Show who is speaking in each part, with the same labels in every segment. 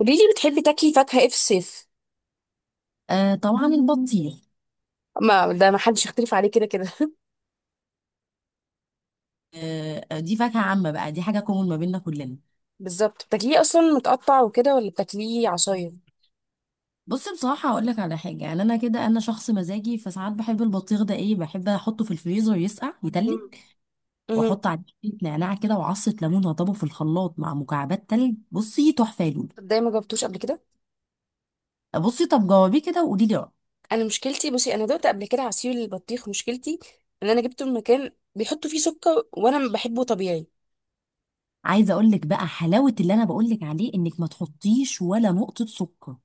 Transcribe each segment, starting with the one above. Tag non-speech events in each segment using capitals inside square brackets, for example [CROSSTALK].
Speaker 1: قولي لي بتحبي تاكلي فاكهة ايه في الصيف؟
Speaker 2: آه، طبعا البطيخ.
Speaker 1: ما ده ما حدش يختلف عليه كده كده. [LAUGHS]
Speaker 2: آه، آه، دي فاكهة عامة بقى، دي حاجة كومون ما بيننا كلنا.
Speaker 1: بالظبط، بتاكليه اصلا متقطع وكده ولا بتاكليه عصاير؟
Speaker 2: بص، بصراحة هقول لك على حاجة يعني، أنا كده أنا شخص مزاجي، فساعات بحب البطيخ ده إيه، بحب أحطه في الفريزر يسقع
Speaker 1: مم.
Speaker 2: يتلج،
Speaker 1: مم.
Speaker 2: وأحط عليه شوية نعناع كده وعصة ليمون وأضربه في الخلاط مع مكعبات تلج. بصي تحفة يا لولو.
Speaker 1: طب ده ما جربتوش قبل كده؟
Speaker 2: بصي طب جربيه كده وقولي لي رأيك.
Speaker 1: انا مشكلتي بصي، انا دقت قبل كده عصير البطيخ. مشكلتي ان انا جبته من مكان بيحطوا فيه سكر وانا بحبه طبيعي.
Speaker 2: عايزة أقول لك بقى حلاوة اللي أنا بقول لك عليه، إنك ما تحطيش ولا نقطة سكر.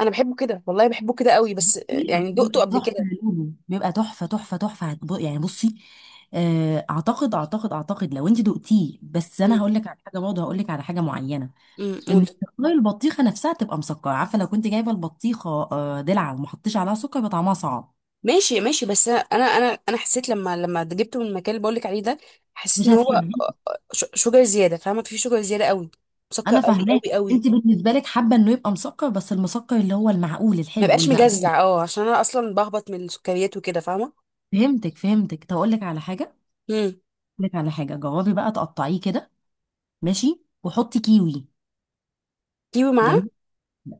Speaker 1: انا بحبه كده، والله بحبه كده قوي، بس يعني دقته
Speaker 2: بيبقى
Speaker 1: قبل
Speaker 2: تحفه،
Speaker 1: كده.
Speaker 2: لونه بيبقى تحفه تحفه تحفه. يعني بصي، آه، اعتقد لو انت دقتيه، بس انا هقول لك على حاجه، برضه هقول لك على حاجه معينه. ان
Speaker 1: قولي.
Speaker 2: تقطيع البطيخه نفسها تبقى مسكره، عارفه لو كنت جايبه البطيخه آه، دلع وما حطيتش عليها سكر يبقى طعمها صعب.
Speaker 1: ماشي ماشي بس انا حسيت لما جبته من المكان اللي بقولك عليه ده، حسيت
Speaker 2: مش
Speaker 1: ان هو
Speaker 2: هتحبيه.
Speaker 1: شوجر زياده، فاهمه؟ في شوجر زياده قوي، مسكر
Speaker 2: انا
Speaker 1: قوي
Speaker 2: فاهماك.
Speaker 1: قوي قوي،
Speaker 2: انت بالنسبه لك حابه انه يبقى مسكر، بس المسكر اللي هو المعقول
Speaker 1: ما
Speaker 2: الحلو
Speaker 1: بقاش
Speaker 2: المقبول.
Speaker 1: مجزع. اه، عشان انا اصلا بهبط من السكريات وكده، فاهمه.
Speaker 2: فهمتك، طب اقول لك على حاجه.
Speaker 1: امم.
Speaker 2: اقول لك على حاجه، جربي بقى تقطعيه كده، ماشي، وحطي كيوي.
Speaker 1: كيوي معاه؟
Speaker 2: جميل.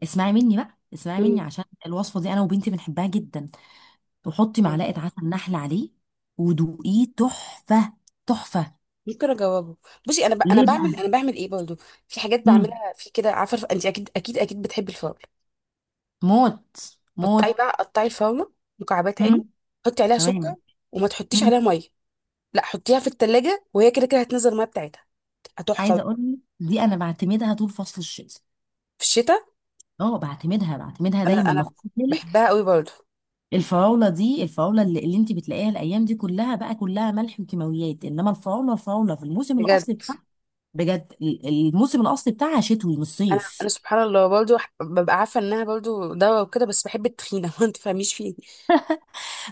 Speaker 2: اسمعي مني بقى، اسمعي مني،
Speaker 1: امم.
Speaker 2: عشان الوصفه دي انا وبنتي بنحبها جدا. وحطي معلقه عسل نحل عليه ودوقيه. تحفه. تحفه.
Speaker 1: ممكن اجاوبه؟ بصي انا
Speaker 2: ليه
Speaker 1: بعمل
Speaker 2: بقى؟
Speaker 1: انا بعمل ايه برضه؟ في حاجات
Speaker 2: مم.
Speaker 1: بعملها في كده، عارفه، انت اكيد اكيد اكيد بتحبي الفراوله.
Speaker 2: موت موت.
Speaker 1: قطعي بقى، قطعي الفراوله مكعبات عادي.
Speaker 2: مم.
Speaker 1: حطي عليها
Speaker 2: تمام.
Speaker 1: سكر وما تحطيش
Speaker 2: مم.
Speaker 1: عليها ميه. لا، حطيها في التلاجة وهي كده كده هتنزل الميه بتاعتها، تحفه
Speaker 2: عايزه
Speaker 1: بقى.
Speaker 2: اقول لك، دي انا بعتمدها طول فصل الشتاء.
Speaker 1: في الشتاء؟
Speaker 2: اه، بعتمدها، بعتمدها
Speaker 1: انا
Speaker 2: دايما، ما
Speaker 1: انا
Speaker 2: خد بالك.
Speaker 1: بحبها قوي برضو.
Speaker 2: الفراوله دي، الفراوله اللي انت بتلاقيها الايام دي كلها بقى كلها ملح وكيماويات، انما الفراوله في الموسم
Speaker 1: بجد؟
Speaker 2: الاصلي بتاعها. بجد الموسم الاصلي بتاعها شتوي مش
Speaker 1: انا انا
Speaker 2: صيف.
Speaker 1: سبحان الله برضو، ببقى عارفه انها برضو دواء وكده، بس بحب التخينه. [LAUGHS] ما تفهميش فيه.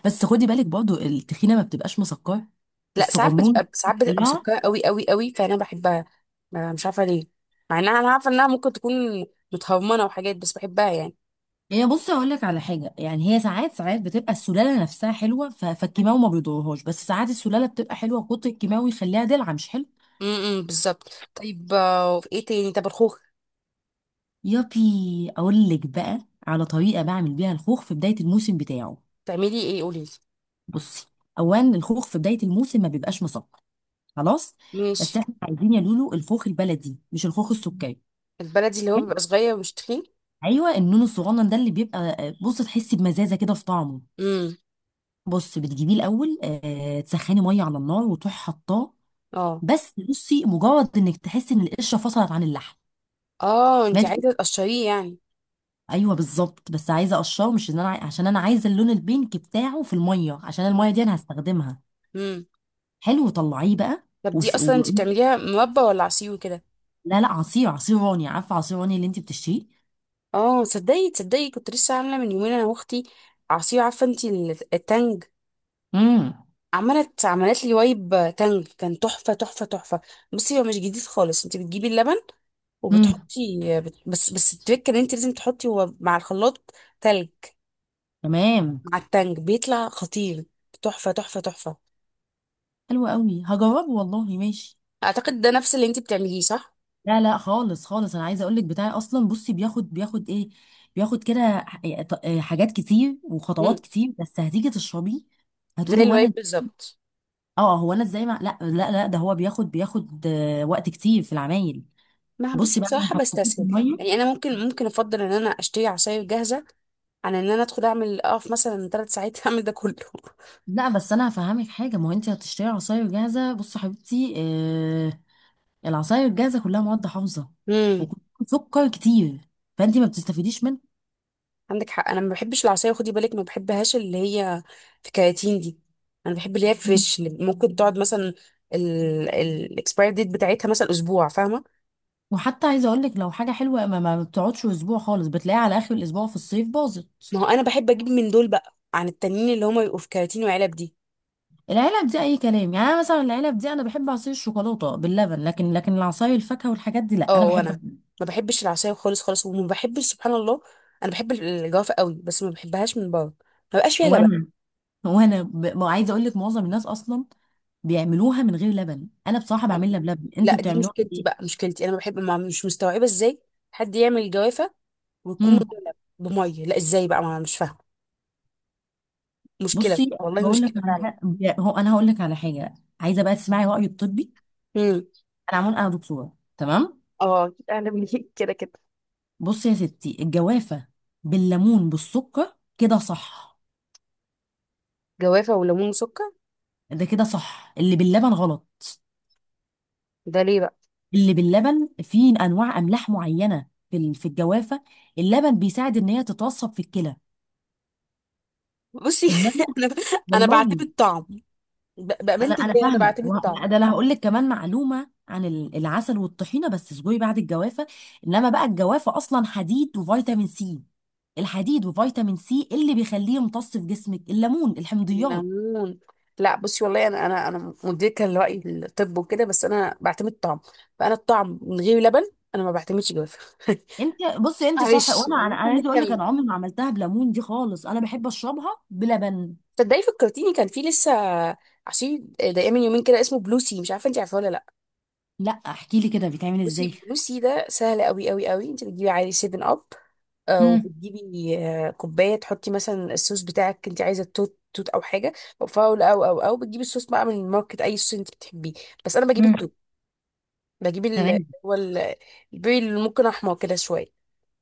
Speaker 2: بس خدي بالك برضو التخينه ما بتبقاش مسكره.
Speaker 1: لا، ساعات
Speaker 2: الصغنون،
Speaker 1: بتبقى، ساعات بتبقى
Speaker 2: رفيعه.
Speaker 1: مسكره قوي قوي قوي، فانا بحبها. مش عارفه ليه، مع انها انا عارفه انها ممكن تكون متهرمنه وحاجات، بس بحبها يعني.
Speaker 2: يعني بصي اقول لك على حاجه، يعني هي ساعات بتبقى السلاله نفسها حلوه، فالكيماوي ما بيضرهاش، بس ساعات السلاله بتبقى حلوه، كتر الكيماوي يخليها دلع مش حلو.
Speaker 1: إمم، بالظبط. طيب وفي ايه تاني؟ طب الخوخ؟
Speaker 2: يابي. اقول لك بقى على طريقه بعمل بيها الخوخ في بدايه الموسم بتاعه.
Speaker 1: تعملي ايه؟ قولي لي.
Speaker 2: بصي، اولا الخوخ في بدايه الموسم ما بيبقاش مسكر، خلاص.
Speaker 1: ماشي.
Speaker 2: بس احنا عايزين يا لولو الخوخ البلدي مش الخوخ السكري،
Speaker 1: البلدي اللي هو
Speaker 2: حلو؟
Speaker 1: بيبقى صغير ومش تخين؟
Speaker 2: ايوه، النون الصغنن ده اللي بيبقى بص تحسي بمزازه كده في طعمه.
Speaker 1: امم.
Speaker 2: بص، بتجيبيه الاول آه، تسخني ميه على النار وتروحي حطاه.
Speaker 1: اه
Speaker 2: بس بصي، مجرد انك تحسي ان القشره فصلت عن اللحم،
Speaker 1: اه، انت
Speaker 2: ماشي.
Speaker 1: عايزه تقشريه يعني.
Speaker 2: ايوه بالظبط، بس عايزه اقشره، مش ان انا عشان انا عايزه اللون البينك بتاعه في الميه، عشان الميه دي انا هستخدمها.
Speaker 1: مم.
Speaker 2: حلو، طلعيه بقى.
Speaker 1: طب دي
Speaker 2: وس...
Speaker 1: اصلا انت
Speaker 2: و...
Speaker 1: بتعمليها مربى ولا عصير وكده؟
Speaker 2: لا لا، عصير، عصير راني عارفه عصير راني اللي انت بتشتريه.
Speaker 1: اه، تصدقي تصدقي كنت لسه عامله من يومين انا واختي عصير. عارفه انت التانج؟
Speaker 2: امم.
Speaker 1: عملت عملت لي وايب تانج، كان تحفه تحفه تحفه. بصي، هو مش جديد خالص، انت بتجيبي اللبن
Speaker 2: امم.
Speaker 1: وبتحطي، بس بس التريك ان انت لازم تحطي هو مع الخلاط تلج
Speaker 2: تمام.
Speaker 1: مع التانج، بيطلع خطير. تحفه تحفه تحفه.
Speaker 2: حلو قوي، هجربه والله، ماشي.
Speaker 1: اعتقد ده نفس اللي انت بتعمليه، صح؟
Speaker 2: لا لا خالص خالص، انا عايزه اقول لك بتاعي اصلا، بصي بياخد ايه، بياخد كده، ح- إيه ط- إيه حاجات كتير وخطوات
Speaker 1: مم.
Speaker 2: كتير، بس هتيجي تشربيه هتقولي
Speaker 1: زي
Speaker 2: وانا.
Speaker 1: الوايب بالظبط.
Speaker 2: اه، هو انا ازاي لا لا لا، ده هو بياخد آه، وقت كتير في العمايل.
Speaker 1: ما
Speaker 2: بصي
Speaker 1: بصي
Speaker 2: بعد ما
Speaker 1: بصراحة
Speaker 2: حطيتيه في
Speaker 1: بستسهل، يعني
Speaker 2: الميه.
Speaker 1: أنا ممكن ممكن أفضل إن أنا أشتري عصاير جاهزة عن إن أنا أدخل أعمل أقف مثلا ثلاث ساعات [LAUGHS] أعمل ده كله.
Speaker 2: لا بس انا هفهمك حاجه، ما هو انت هتشتري عصاير جاهزه. بصي يا حبيبتي، آه، العصاير الجاهزه كلها مواد حافظه
Speaker 1: امم.
Speaker 2: وكلها سكر كتير، فانت ما بتستفيديش
Speaker 1: عندك حق، أنا ما بحبش العصاير، خدي بالك، ما بحبهاش اللي هي في كراتين دي. أنا بحب اللي هي
Speaker 2: منها.
Speaker 1: فريش، اللي ممكن تقعد مثلا الاكسباير ديت بتاعتها مثلا أسبوع، فاهمة.
Speaker 2: وحتى عايزه اقول لك، لو حاجه حلوه ما بتقعدش اسبوع خالص، بتلاقيها على اخر الاسبوع في الصيف باظت.
Speaker 1: ما هو أنا بحب أجيب من دول بقى عن التانيين اللي هما بيبقوا في كراتين وعلب دي.
Speaker 2: العلب دي اي كلام، يعني أنا مثلا العلب دي انا بحب عصير الشوكولاته باللبن، لكن العصاير الفاكهه والحاجات دي لا انا
Speaker 1: اه،
Speaker 2: بحب.
Speaker 1: وأنا ما بحبش العصاير خالص خالص، وما بحبش سبحان الله. أنا بحب الجوافة قوي، بس ما بحبهاش من بره، ما بقاش
Speaker 2: [LAUGHS]
Speaker 1: فيها لبن.
Speaker 2: وانا ما، عايزه اقول لك معظم الناس اصلا بيعملوها من غير لبن، انا بصراحه بعملها
Speaker 1: أنا-
Speaker 2: بلبن،
Speaker 1: لا،
Speaker 2: انتوا
Speaker 1: دي
Speaker 2: بتعملوها
Speaker 1: مشكلتي بقى،
Speaker 2: بايه؟
Speaker 1: مشكلتي انا بحب، ما مش مستوعبه ازاي حد يعمل الجوافه ويكون
Speaker 2: امم.
Speaker 1: مدلب بميه. لا، ازاي بقى؟ ما أنا مش فاهمه. مشكله
Speaker 2: بصي
Speaker 1: والله،
Speaker 2: هقول لك
Speaker 1: مشكله
Speaker 2: على
Speaker 1: فعلا.
Speaker 2: حاجه، انا هقول لك على حاجه، عايزه بقى تسمعي رايي الطبي.
Speaker 1: امم.
Speaker 2: انا عمون، انا دكتوره، تمام.
Speaker 1: اه أكيد، أعلى مني [LAUGHS] كده كده.
Speaker 2: بصي يا ستي، الجوافة بالليمون بالسكر كده صح؟
Speaker 1: جوافه وليمون وسكر.
Speaker 2: ده كده صح، اللي باللبن غلط.
Speaker 1: ده ليه بقى؟
Speaker 2: اللي باللبن فيه انواع املاح معينة في الجوافة، اللبن بيساعد ان هي تتوصب في الكلى.
Speaker 1: بصي. [LAUGHS]
Speaker 2: انما
Speaker 1: انا انا
Speaker 2: والله،
Speaker 1: بعتمد طعم،
Speaker 2: انا
Speaker 1: بامانه
Speaker 2: انا
Speaker 1: الله انا
Speaker 2: فاهمه
Speaker 1: بعتمد طعم.
Speaker 2: لا، ده انا هقول لك كمان معلومه عن العسل والطحينه بس اصبري بعد الجوافه. انما بقى الجوافه اصلا حديد وفيتامين سي، الحديد وفيتامين سي اللي بيخليه يمتص في جسمك الليمون الحمضيات.
Speaker 1: الليمون. لا بصي، والله انا انا مدركه لراي الطب وكده، بس انا بعتمد طعم. فانا الطعم من غير لبن، انا ما بعتمدش جوافه. [LAUGHS]
Speaker 2: انت بصي انت صح،
Speaker 1: معلش
Speaker 2: وانا انا أنا
Speaker 1: يعني احنا
Speaker 2: عايزه اقول لك،
Speaker 1: بنتكلم.
Speaker 2: انا عمري ما عملتها بليمون دي خالص، انا بحب اشربها بلبن.
Speaker 1: تصدقي فكرتيني، كان في لسه عصير دقيقة من يومين كده، اسمه بلو سي، مش عارفه انت عارفاه ولا لا.
Speaker 2: لا احكي لي كده بيتعمل
Speaker 1: بصي،
Speaker 2: ازاي.
Speaker 1: بلو سي ده سهل قوي قوي قوي، انت بتجيبي عادي 7 اب،
Speaker 2: امم.
Speaker 1: وبتجيبي كوبايه تحطي مثلا الصوص بتاعك، انت عايزه توت توت او حاجه، او فاول او او بتجيبي الصوص بقى من الماركت، اي صوص انت بتحبيه، بس انا بجيب
Speaker 2: امم.
Speaker 1: التوت. بجيب ال،
Speaker 2: تمام.
Speaker 1: هو البيري اللي ممكن احمر كده شويه.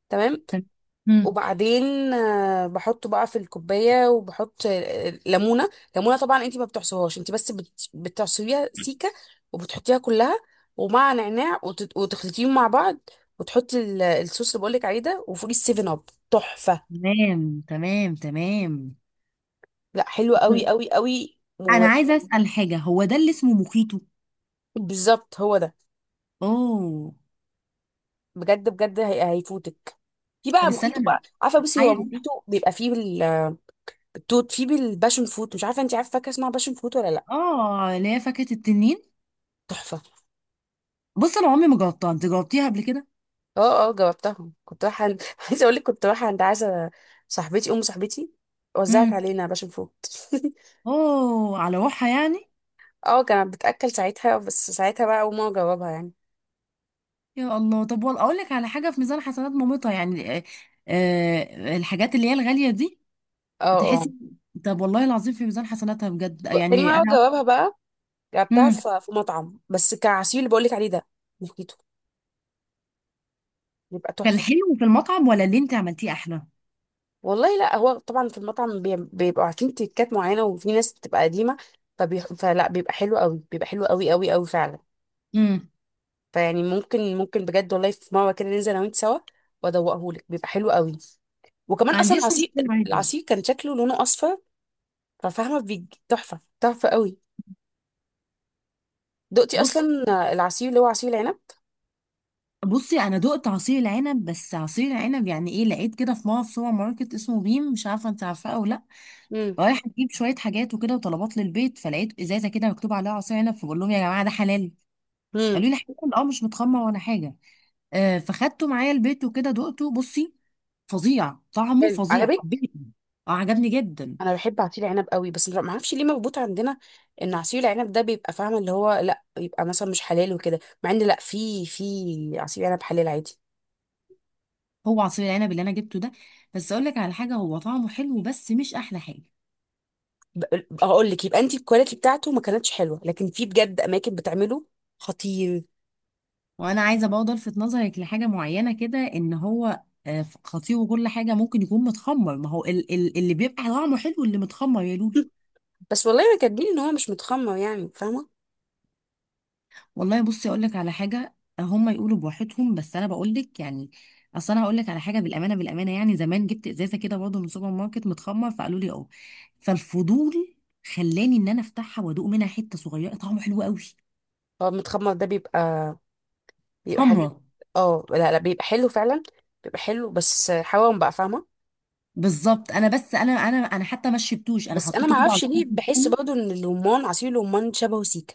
Speaker 1: تمام.
Speaker 2: تم-. امم.
Speaker 1: وبعدين بحطه بقى في الكوبايه، وبحط ليمونه. ليمونه طبعا انت ما بتعصرهاش، انت بس بتعصريها سيكه وبتحطيها كلها، ومع نعناع، وتخلطيهم مع بعض، وتحطي الصوص اللي بقولك عليه ده، وفوقيه السيفن اب. تحفه.
Speaker 2: تمام. تمام. تمام.
Speaker 1: لا حلو قوي قوي قوي.
Speaker 2: انا عايزه اسال حاجه، هو ده اللي اسمه موخيتو؟
Speaker 1: وبالظبط، [LAUGHS] هو ده.
Speaker 2: اوه.
Speaker 1: بجد بجد، هيفوتك. في
Speaker 2: طب
Speaker 1: بقى
Speaker 2: استنى
Speaker 1: مخيطه
Speaker 2: انا
Speaker 1: بقى، عارفه، بصي هو
Speaker 2: عايز.
Speaker 1: مخيطه بيبقى فيه التوت، فيه بالباشن فوت، مش عارفه انت عارفه فاكهه اسمها باشن فوت ولا لا.
Speaker 2: اه اللي هي فاكهه التنين.
Speaker 1: تحفه.
Speaker 2: بص انا عمري ما جربتها، انت جربتيها قبل كده؟
Speaker 1: اه اه، جاوبتهم. كنت رايحه عند [LAUGHS] عايزه اقول لك، كنت رايحه عند عايزه، صاحبتي ام صاحبتي وزعت
Speaker 2: امم.
Speaker 1: علينا باشا نفوت.
Speaker 2: اوه، على روحها يعني.
Speaker 1: [LAUGHS] اه، كانت بتاكل ساعتها، بس ساعتها بقى اول مره جاوبها يعني.
Speaker 2: يا الله، طب والله اقول لك على حاجه، في ميزان حسنات مامتها يعني آه، آه، الحاجات اللي هي الغاليه دي،
Speaker 1: اه اه،
Speaker 2: بتحسي. طب والله العظيم في ميزان حسناتها بجد،
Speaker 1: تاني
Speaker 2: يعني
Speaker 1: مره
Speaker 2: انا.
Speaker 1: جاوبها بقى، جبتها
Speaker 2: امم.
Speaker 1: في في مطعم بس كعصير اللي بقول لك عليه ده، نكيته بيبقى
Speaker 2: كان
Speaker 1: تحفه.
Speaker 2: حلو في المطعم ولا اللي انت عملتيه احلى؟
Speaker 1: والله لا، هو طبعا في المطعم بيبقوا عارفين تريكات معينه، وفي ناس بتبقى قديمه، فلا بيبقى حلو قوي، بيبقى حلو قوي قوي قوي فعلا.
Speaker 2: امم.
Speaker 1: فيعني ممكن ممكن بجد والله في مره كده ننزل انا وانت سوا، وادوقهولك بيبقى حلو قوي. وكمان
Speaker 2: ما
Speaker 1: اصلا
Speaker 2: عنديش
Speaker 1: العصير،
Speaker 2: مشكله عادي.
Speaker 1: العصير كان شكله لونه اصفر، ففاهمه، تحفه تحفه قوي. دقتي
Speaker 2: بصي.
Speaker 1: اصلا العصير اللي هو عصير العنب؟
Speaker 2: بصي انا دقت عصير العنب، بس عصير العنب يعني ايه، لقيت كده في مول في سوبر ماركت اسمه بيم، مش عارفه انت عارفاه او لا،
Speaker 1: امم.
Speaker 2: رايحه اجيب شويه حاجات وكده وطلبات للبيت، فلقيت ازازه كده مكتوب عليها عصير عنب، فبقول لهم يا جماعه ده حلال؟
Speaker 1: امم.
Speaker 2: قالوا لي حلال، اه مش متخمر ولا حاجه، آه، فخدته معايا البيت وكده دقته، بصي فظيع، طعمه
Speaker 1: حلو،
Speaker 2: فظيع،
Speaker 1: عجبك.
Speaker 2: حبيته. اه عجبني جدا.
Speaker 1: انا بحب عصير العنب قوي، بس ما اعرفش ليه مربوط عندنا ان عصير العنب ده بيبقى، فاهمه، اللي هو لا يبقى مثلا مش حلال وكده، مع ان لا، في في عصير عنب حلال عادي.
Speaker 2: هو عصير العنب اللي انا جبته ده، بس اقول لك على حاجه، هو طعمه حلو بس مش احلى حاجه.
Speaker 1: ب- اقول لك، يبقى انت الكواليتي بتاعته ما كانتش حلوه، لكن في بجد اماكن بتعمله خطير.
Speaker 2: وانا عايزه برضه الفت نظرك لحاجه معينه كده، ان هو آه، خطير وكل حاجه ممكن يكون متخمر، ما هو اللي بيبقى طعمه حلو اللي متخمر يا لولو.
Speaker 1: [LAUGHS] بس والله ما كاتبين ان هو مش متخمر، يعني فاهمه.
Speaker 2: والله بصي اقول لك على حاجه، هم يقولوا بواحدهم، بس انا بقول لك يعني، اصل انا هقول لك على حاجه بالامانه بالامانه، يعني زمان جبت ازازه كده برضه من سوبر ماركت متخمر، فقالوا لي اه، فالفضول خلاني ان انا افتحها وادوق منها حته صغيره، طعمه حلو قوي،
Speaker 1: هو متخمر ده بيبقى بيبقى حاجات.
Speaker 2: خمره.
Speaker 1: اه لا لا، بيبقى حلو فعلا، بيبقى حلو، بس حوام بقى، فاهمه.
Speaker 2: بالظبط انا بس، انا حتى ما شربتوش، انا
Speaker 1: بس انا ما
Speaker 2: حطيته كده على
Speaker 1: اعرفش
Speaker 2: الفرن
Speaker 1: ليه بحس
Speaker 2: بتاعي.
Speaker 1: برضه ان الرمان، عصير الرمان، شبهه سيكا.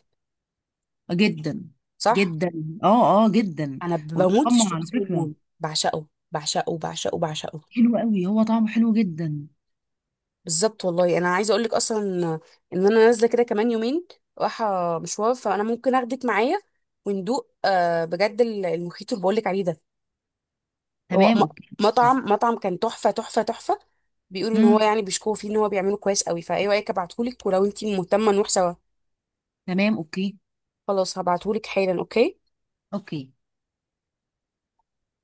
Speaker 2: جدا.
Speaker 1: صح.
Speaker 2: جدا. اه اه جدا.
Speaker 1: انا بموت في
Speaker 2: وبيتخمر على
Speaker 1: الشيبس
Speaker 2: فكره.
Speaker 1: الرمان. بعشقه بعشقه بعشقه.
Speaker 2: حلو قوي، هو طعمه حلو جدا.
Speaker 1: بالظبط والله. انا عايزه اقول لك اصلا، ان انا نازله كده كمان يومين، رايحه مشوار، فانا ممكن اخدك معايا، وندوق بجد المخيط اللي بقول لك عليه ده. هو
Speaker 2: تمام اوكي.
Speaker 1: مطعم، مطعم كان تحفة تحفة تحفة. بيقولوا ان
Speaker 2: امم.
Speaker 1: هو يعني بيشكوا فيه ان هو بيعمله كويس قوي، فايه رأيك؟ ابعتهولك، ولو انتي مهتمة نروح سوا.
Speaker 2: تمام اوكي.
Speaker 1: خلاص هبعتهولك حالا، اوكي.
Speaker 2: اوكي.